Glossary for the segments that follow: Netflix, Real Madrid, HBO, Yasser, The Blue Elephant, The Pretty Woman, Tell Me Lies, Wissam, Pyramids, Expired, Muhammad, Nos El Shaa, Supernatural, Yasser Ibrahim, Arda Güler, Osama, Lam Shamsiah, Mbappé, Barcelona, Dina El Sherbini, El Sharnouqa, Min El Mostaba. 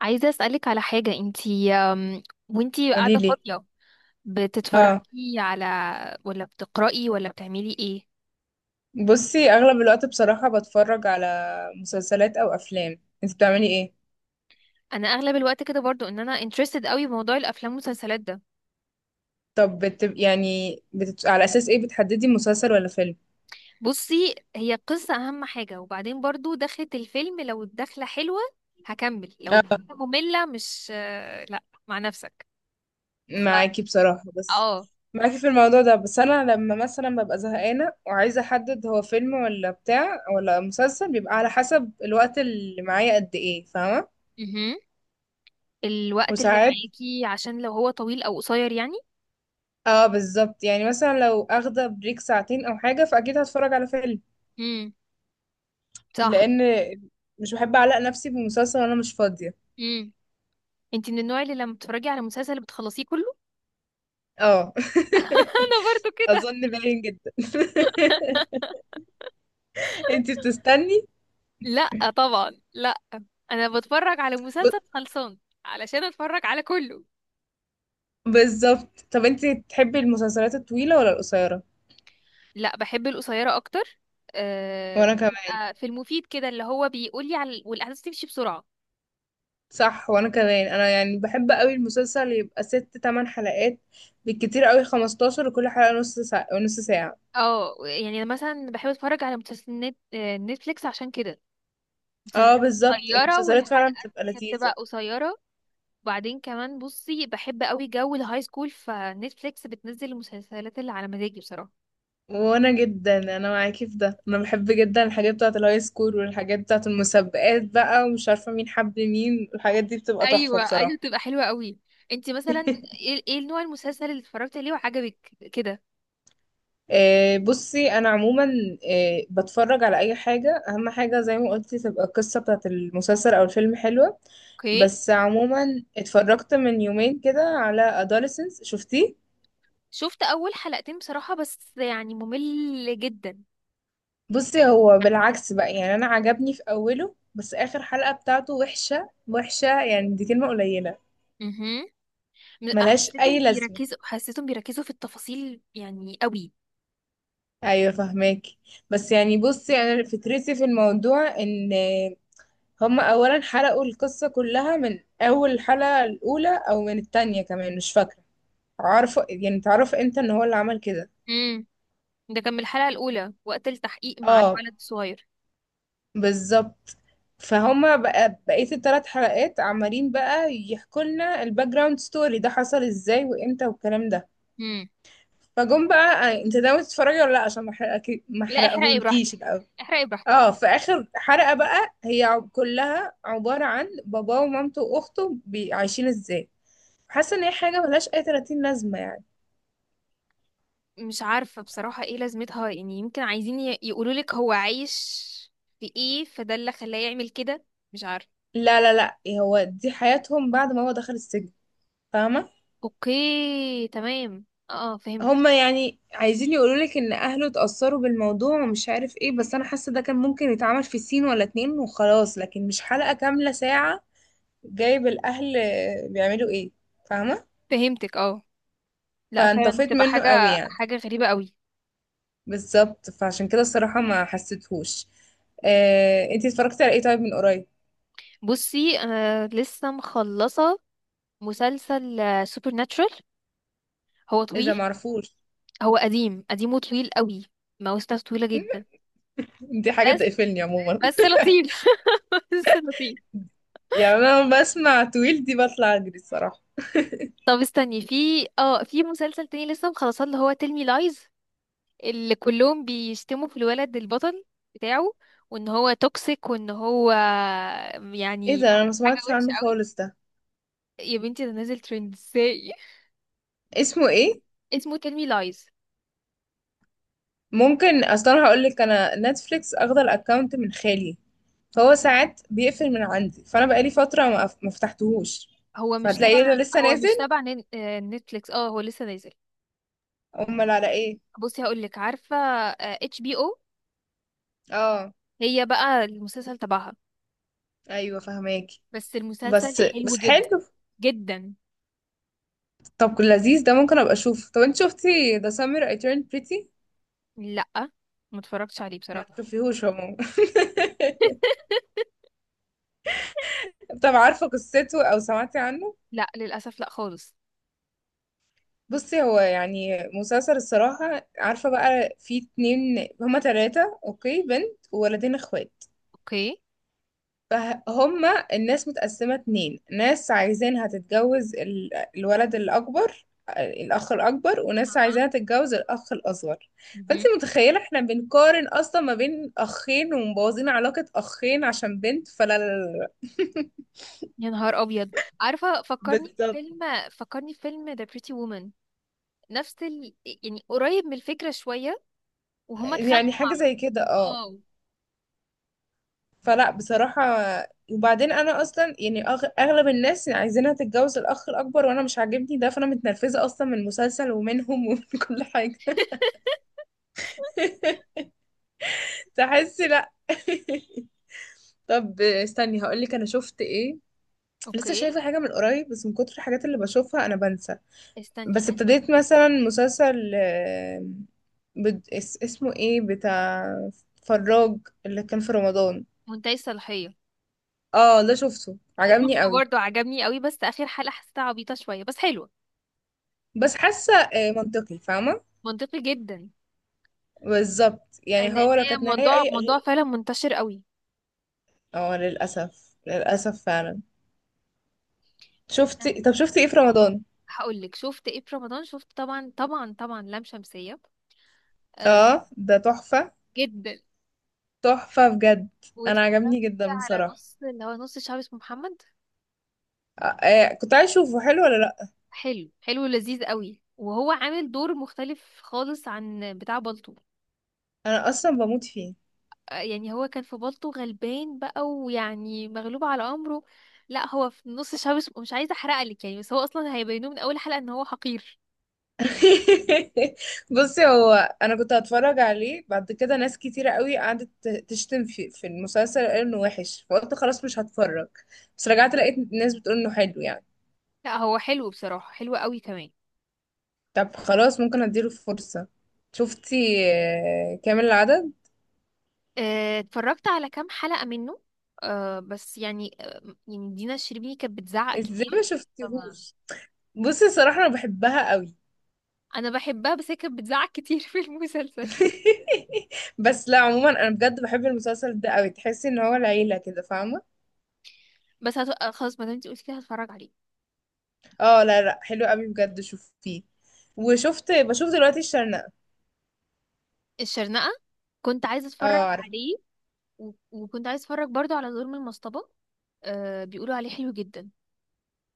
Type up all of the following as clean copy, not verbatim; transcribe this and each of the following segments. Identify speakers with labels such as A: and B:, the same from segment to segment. A: عايزة أسألك على حاجة، انتي وانتي
B: قولي
A: قاعدة
B: لي.
A: فاضية
B: اه،
A: بتتفرجي على، ولا بتقرأي، ولا بتعملي ايه؟
B: بصي اغلب الوقت بصراحة بتفرج على مسلسلات او افلام، انت بتعملي ايه؟
A: انا اغلب الوقت كده برضو ان انا interested قوي بموضوع الافلام والمسلسلات ده.
B: طب على اساس ايه بتحددي مسلسل ولا فيلم؟
A: بصي، هي قصة اهم حاجة، وبعدين برضو دخلة الفيلم، لو الدخلة حلوة هكمل، لو
B: اه،
A: الدخلة مملة مش آه، لا مع نفسك. ف
B: معاكي بصراحة، بس
A: اه.
B: معاكي في الموضوع ده، بس انا لما مثلا ببقى زهقانة وعايزة احدد هو فيلم ولا بتاع ولا مسلسل، بيبقى على حسب الوقت اللي معايا قد ايه، فاهمة؟
A: مهم. الوقت اللي
B: وساعات
A: معاكي، عشان لو هو طويل او قصير يعني.
B: اه بالظبط، يعني مثلا لو اخدة بريك ساعتين او حاجة، فاكيد هتفرج على فيلم،
A: امم صح.
B: لان مش بحب اعلق نفسي بمسلسل وانا مش فاضيه.
A: انتي من النوع اللي لما بتتفرجي على مسلسل بتخلصيه كله؟
B: اه،
A: انا برضو كده.
B: اظن باين جدا. انتي بتستني؟
A: لا طبعا، لا. انا بتفرج على
B: ب...
A: مسلسل خلصان علشان اتفرج على كله.
B: بالظبط. طب انتي تحبي المسلسلات الطويله ولا القصيره؟
A: لا، بحب القصيره اكتر.
B: وانا كمان،
A: يبقى في المفيد كده، اللي هو بيقول لي على والاحداث تمشي بسرعه.
B: صح، وانا كمان انا يعني بحب قوي المسلسل يبقى ست تمن حلقات، بالكتير قوي 15، وكل حلقه نص ساعه نص ساعه.
A: اه، يعني انا مثلا بحب اتفرج على مسلسلات نت... آه، نتفليكس عشان كده. مسلسلات
B: اه بالظبط،
A: قصيره
B: المسلسلات فعلا
A: والحلقه
B: بتبقى
A: بتبقى
B: لذيذه.
A: قصيره. وبعدين كمان بصي، بحب قوي جو الهاي سكول، فنتفليكس بتنزل المسلسلات اللي على مزاجي بصراحه.
B: وانا جدا، انا معاكي في ده، انا بحب جدا الحاجات بتاعه الهاي سكول، والحاجات بتاعه المسابقات بقى ومش عارفه مين حب مين، الحاجات دي بتبقى تحفه
A: ايوه ايوه،
B: بصراحه.
A: بتبقى حلوه قوي. انت مثلا ايه ايه نوع المسلسل اللي اتفرجت عليه وعجبك كده؟
B: بصي انا عموما بتفرج على اي حاجه، اهم حاجه زي ما قلتي تبقى القصه بتاعه المسلسل او الفيلم حلوه.
A: اوكي.
B: بس عموما اتفرجت من يومين كده على adolescence، شفتيه؟
A: شفت اول حلقتين بصراحه، بس يعني ممل جدا.
B: بصي هو بالعكس بقى، يعني انا عجبني في اوله، بس اخر حلقة بتاعته وحشة وحشة، يعني دي كلمة قليلة.
A: امم
B: ملهاش اي
A: حسيتهم
B: لازمة.
A: بيركزوا حسيتهم بيركزوا في التفاصيل يعني قوي.
B: ايوه فهماكي. بس يعني بصي، انا فكرتي في الموضوع ان هم اولا حرقوا القصه كلها من اول الحلقه الاولى او من التانية، كمان مش فاكره. عارفه يعني تعرف امتى ان هو اللي عمل كده.
A: امم. ده كان من الحلقه الاولى وقت التحقيق مع
B: اه
A: الولد الصغير.
B: بالظبط. فهم بقى بقيه الثلاث حلقات عمالين بقى يحكوا لنا الباك جراوند ستوري، ده حصل ازاي وامتى والكلام ده.
A: امم.
B: فجم بقى، انت ناوي تتفرجي ولا لا؟ عشان ما احرقك، ما
A: لا، احرقي براحتك،
B: احرقهولكيش.
A: احرقي براحتك.
B: اه، في اخر حلقة بقى هي كلها عبارة عن باباه ومامته واخته عايشين ازاي. حاسة ان هي حاجة ملهاش اي 30 لازمة يعني.
A: مش عارفه بصراحه ايه لازمتها، يعني يمكن عايزين يقولوا لك هو عايش في ايه، فده اللي خلاه يعمل كده. مش عارفه.
B: لا لا لا، هو دي حياتهم بعد ما هو دخل السجن، فاهمة؟
A: اوكي تمام، اه فهمت.
B: هما يعني عايزين يقولولك ان اهله اتأثروا بالموضوع ومش عارف ايه، بس انا حاسة ده كان ممكن يتعمل في سين ولا اتنين وخلاص، لكن مش حلقة كاملة ساعة جايب الاهل بيعملوا ايه، فاهمة؟
A: فهمتك اه. لا فعلا
B: فانطفيت
A: بتبقى
B: منه قوي
A: حاجة
B: يعني.
A: حاجة غريبة قوي.
B: بالظبط، فعشان كده الصراحة ما حسيتهوش. انتي اتفرجتي على ايه طيب من قريب؟
A: بصي، انا لسه مخلصة مسلسل سوبر ناتشورال. هو
B: اذا
A: طويل.
B: معرفوش.
A: هو قديم قديم وطويل قوي. مواسمه طويلة جدا.
B: دي حاجة
A: بس
B: تقفلني عموما.
A: بس لطيف. بس لطيف.
B: يعني انا لما بسمع طويل دي بطلع اجري الصراحة.
A: طب استني، في اه في مسلسل تاني لسه مخلصاه، اللي هو تيل مي لايز. اللي كلهم بيشتموا في الولد البطل بتاعه، وان هو توكسيك، وان هو
B: ايه
A: يعني
B: ده؟ انا ما
A: حاجة
B: سمعتش
A: وحشة
B: عنه
A: قوي.
B: خالص ده،
A: يا بنتي، ده نازل ترند ازاي!
B: اسمه ايه؟
A: اسمه تيل مي لايز.
B: ممكن اصلا هقول لك، انا نتفليكس اخد الاكونت من خالي، فهو ساعات بيقفل من عندي، فانا بقالي فترة ما فتحتهوش،
A: هو مش تبع.
B: فهتلاقيه ده لسه
A: هو مش
B: نازل.
A: تبع نتفليكس. اه هو لسه نازل.
B: امال على ايه؟
A: بصي هقول لك، عارفه؟ اتش بي او.
B: اه،
A: هي بقى المسلسل تبعها.
B: ايوه فهماكي.
A: بس المسلسل
B: بس
A: حلو
B: بس
A: جدا
B: حلو.
A: جدا.
B: طب لذيذ، ده ممكن ابقى اشوف. طب انت شفتي The Summer I Turned Pretty؟
A: لا، ما اتفرجتش عليه
B: ما
A: بصراحه.
B: تشوفيهوش عموما. طب عارفه قصته او سمعتي عنه؟
A: لا للاسف، لا خالص.
B: بصي هو يعني مسلسل الصراحه، عارفه بقى في اتنين، هما تلاتة، اوكي، بنت وولدين اخوات،
A: اوكي.
B: فهما الناس متقسمة اتنين، ناس عايزينها تتجوز الولد الأكبر، الأخ الأكبر، وناس
A: اها.
B: عايزاها تتجوز الأخ الأصغر. فأنت
A: مهم.
B: متخيلة احنا بنقارن أصلا ما بين أخين ومبوظين علاقة أخين عشان بنت؟ فلا لا لا لا.
A: يا نهار ابيض، عارفه فكرني
B: بالظبط،
A: فيلم؟ فكرني فيلم ذا بريتي وومن. نفس يعني قريب من الفكره شويه. وهما
B: يعني
A: اتخانقوا مع
B: حاجة
A: بعض.
B: زي كده اه.
A: اه.
B: فلا بصراحة، وبعدين أنا أصلا يعني أغلب الناس عايزينها تتجوز الأخ الأكبر، وأنا مش عاجبني ده، فأنا متنرفزة أصلا من المسلسل ومنهم ومن كل حاجة. تحسي لا. طب استني هقول لك انا شفت ايه. لسه
A: اوكي.
B: شايفه حاجه من قريب، بس من كتر الحاجات اللي بشوفها انا بنسى.
A: استني
B: بس
A: أنا-
B: ابتديت مثلا مسلسل، اسمه ايه، بتاع فراج، اللي كان في رمضان.
A: منتهي الصلاحية.
B: اه ده شفته عجبني
A: شفته
B: قوي.
A: برضو عجبني قوي، بس اخر حلقة حسيتها عبيطة شوية، بس حلوة.
B: بس حاسه منطقي، فاهمه؟
A: منطقي جدا.
B: بالظبط، يعني
A: لان
B: هو لو
A: هي
B: كانت نهايه
A: موضوع
B: اي
A: موضوع
B: غير-.
A: فعلا منتشر قوي.
B: اه للاسف، للاسف فعلا.
A: استني
B: شفتي؟ طب شفتي ايه في رمضان؟
A: هقول لك. شفت ايه في رمضان؟ شفت طبعا طبعا طبعا لام شمسية. آه.
B: اه ده تحفه،
A: جدا.
B: تحفة بجد. انا عجبني
A: واتفرجت
B: جدا
A: على
B: بصراحة.
A: نص، اللي هو نص الشعب اسمه محمد.
B: كنت عايز اشوفه، حلو ولا لا؟
A: حلو حلو لذيذ قوي، وهو عامل دور مختلف خالص عن بتاع بالطو.
B: انا اصلا بموت فيه.
A: يعني هو كان في بالطو غلبان بقى، ويعني مغلوب على امره. لا، هو في نص الشعب مش عايزه احرقلك يعني، بس هو اصلا هيبينوه من اول حلقه ان هو حقير.
B: بصي هو، انا كنت هتفرج عليه بعد كده، ناس كتيرة قوي قعدت تشتم في المسلسل، قال انه وحش، فقلت خلاص مش هتفرج. بس رجعت لقيت ناس بتقول انه حلو يعني.
A: لا، هو حلو بصراحه، حلو قوي كمان.
B: طب خلاص ممكن اديله فرصة. شفتي كامل العدد؟
A: اتفرجت على كام حلقه منه. أه بس يعني آه، يعني دينا الشربيني كانت بتزعق
B: ازاي
A: كتير
B: ما
A: فيه
B: شفتيهوش؟ بصي الصراحة انا بحبها قوي.
A: انا بحبها، بس هي كانت بتزعق كتير في المسلسل.
B: بس لا عموما انا بجد بحب المسلسل ده قوي، تحسي ان هو العيله كده، فاهمه؟
A: بس هت... آه، خلاص ما دام انت قلتي كده هتفرج عليه.
B: اه لا لا، حلو قوي بجد، شوفيه. وشفت بشوف دلوقتي الشرنقه.
A: الشرنقه. كنت عايزه اتفرج
B: اه عارف.
A: عليه. وكنت عايز اتفرج برضو على دور من المصطبة. آه، بيقولوا عليه حلو جدا.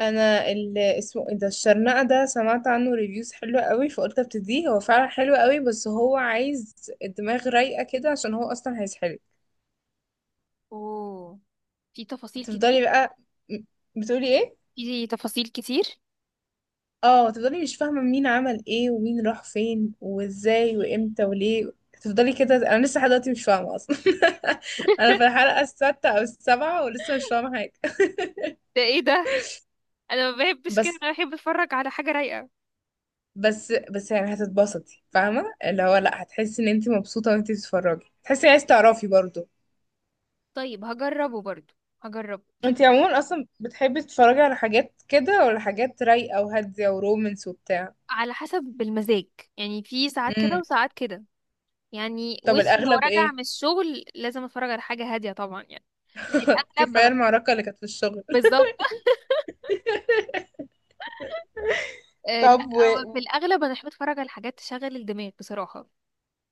B: انا ال- اسمه ايه ده الشرنقه ده سمعت عنه ريفيوز حلوه قوي، فقلت ابتديه، هو فعلا حلو قوي، بس هو عايز الدماغ رايقه كده، عشان هو اصلا هيسحلك.
A: اوه. في تفاصيل كتير.
B: تفضلي بقى. م- بتقولي ايه؟
A: في تفاصيل كتير.
B: اه تفضلي، مش فاهمة مين عمل ايه ومين راح فين وازاي وامتى وليه. تفضلي كده، انا لسه لحد دلوقتي مش فاهمة اصلا. انا في الحلقة السادسة او السابعة ولسه مش فاهمة حاجة.
A: ده ايه ده، انا ما بحبش كده،
B: بس
A: انا بحب اتفرج على حاجه رايقه.
B: بس يعني هتتبسطي، فاهمة اللي هو لا، هتحسي ان انت مبسوطة وانت بتتفرجي، تحسي عايز تعرفي برضو.
A: طيب هجربه برضو، هجربه
B: انت
A: كده.
B: عموما اصلا بتحبي تتفرجي على حاجات كده ولا حاجات رايقة وهادية ورومانس وبتاع؟
A: على حسب المزاج، يعني في ساعات كده
B: امم.
A: وساعات كده. يعني
B: طب
A: وش لو
B: الاغلب
A: راجع
B: ايه؟
A: من الشغل لازم اتفرج على حاجة هادية طبعا يعني. لا، الأغلب
B: كفاية
A: بحب.
B: المعركة اللي كانت في الشغل.
A: بالظبط. آه لا،
B: طب
A: هو في الأغلب أنا بحب أتفرج على حاجات تشغل الدماغ بصراحة.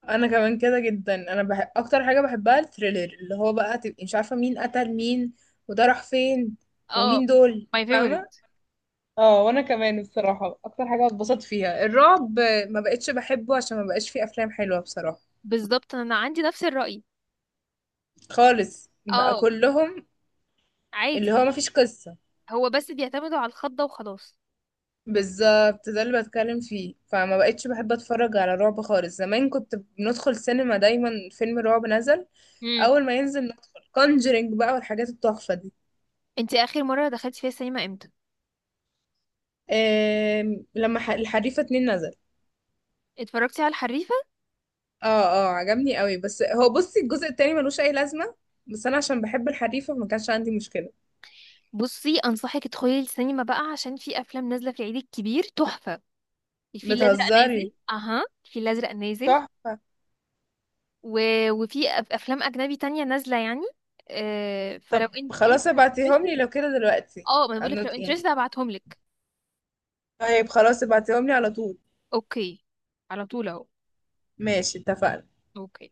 B: انا كمان كده جدا، انا بحب اكتر حاجه بحبها الثريلر، اللي هو بقى تبقي مش عارفه مين قتل مين، وده راح فين،
A: اه،
B: ومين دول،
A: my
B: فاهمه؟
A: favorite.
B: اه، وانا كمان الصراحه اكتر حاجه اتبسطت فيها الرعب، ما بقتش بحبه عشان ما بقاش فيه افلام حلوه بصراحه،
A: بالظبط، انا عندي نفس الرأي.
B: خالص بقى
A: اه.
B: كلهم، اللي
A: عادي.
B: هو ما فيش قصه.
A: هو بس بيعتمدوا على الخضة وخلاص.
B: بالظبط ده اللي بتكلم فيه، فما بقتش بحب اتفرج على رعب خالص. زمان كنت بندخل سينما دايما، فيلم رعب نزل
A: امم.
B: اول ما ينزل ندخل، كونجرينج بقى والحاجات التحفه دي.
A: انتي اخر مرة دخلتي فيها السينما امتى؟
B: لما الحريفة اتنين نزل.
A: اتفرجتي على الحريفة؟
B: اه اه عجبني قوي، بس هو بصي الجزء التاني ملوش اي لازمة، بس انا عشان بحب الحريفة ما كانش عندي مشكلة.
A: بصي انصحك تدخلي السينما بقى، عشان في افلام نازلة في العيد الكبير تحفة. الفيل الازرق
B: بتهزري؟
A: نازل. اها، الفيل الازرق نازل.
B: تحفة.
A: و... وفي افلام اجنبي تانية نازلة يعني.
B: طب
A: فلو انت
B: خلاص
A: لو
B: ابعتيهم
A: interested.
B: لي لو كده دلوقتي.
A: اه ما انا بقولك لو
B: يعني
A: interested هبعتهم لك.
B: طيب خلاص، ابعتيهم لي على طول.
A: اوكي. على طول اهو.
B: ماشي، اتفقنا.
A: اوكي.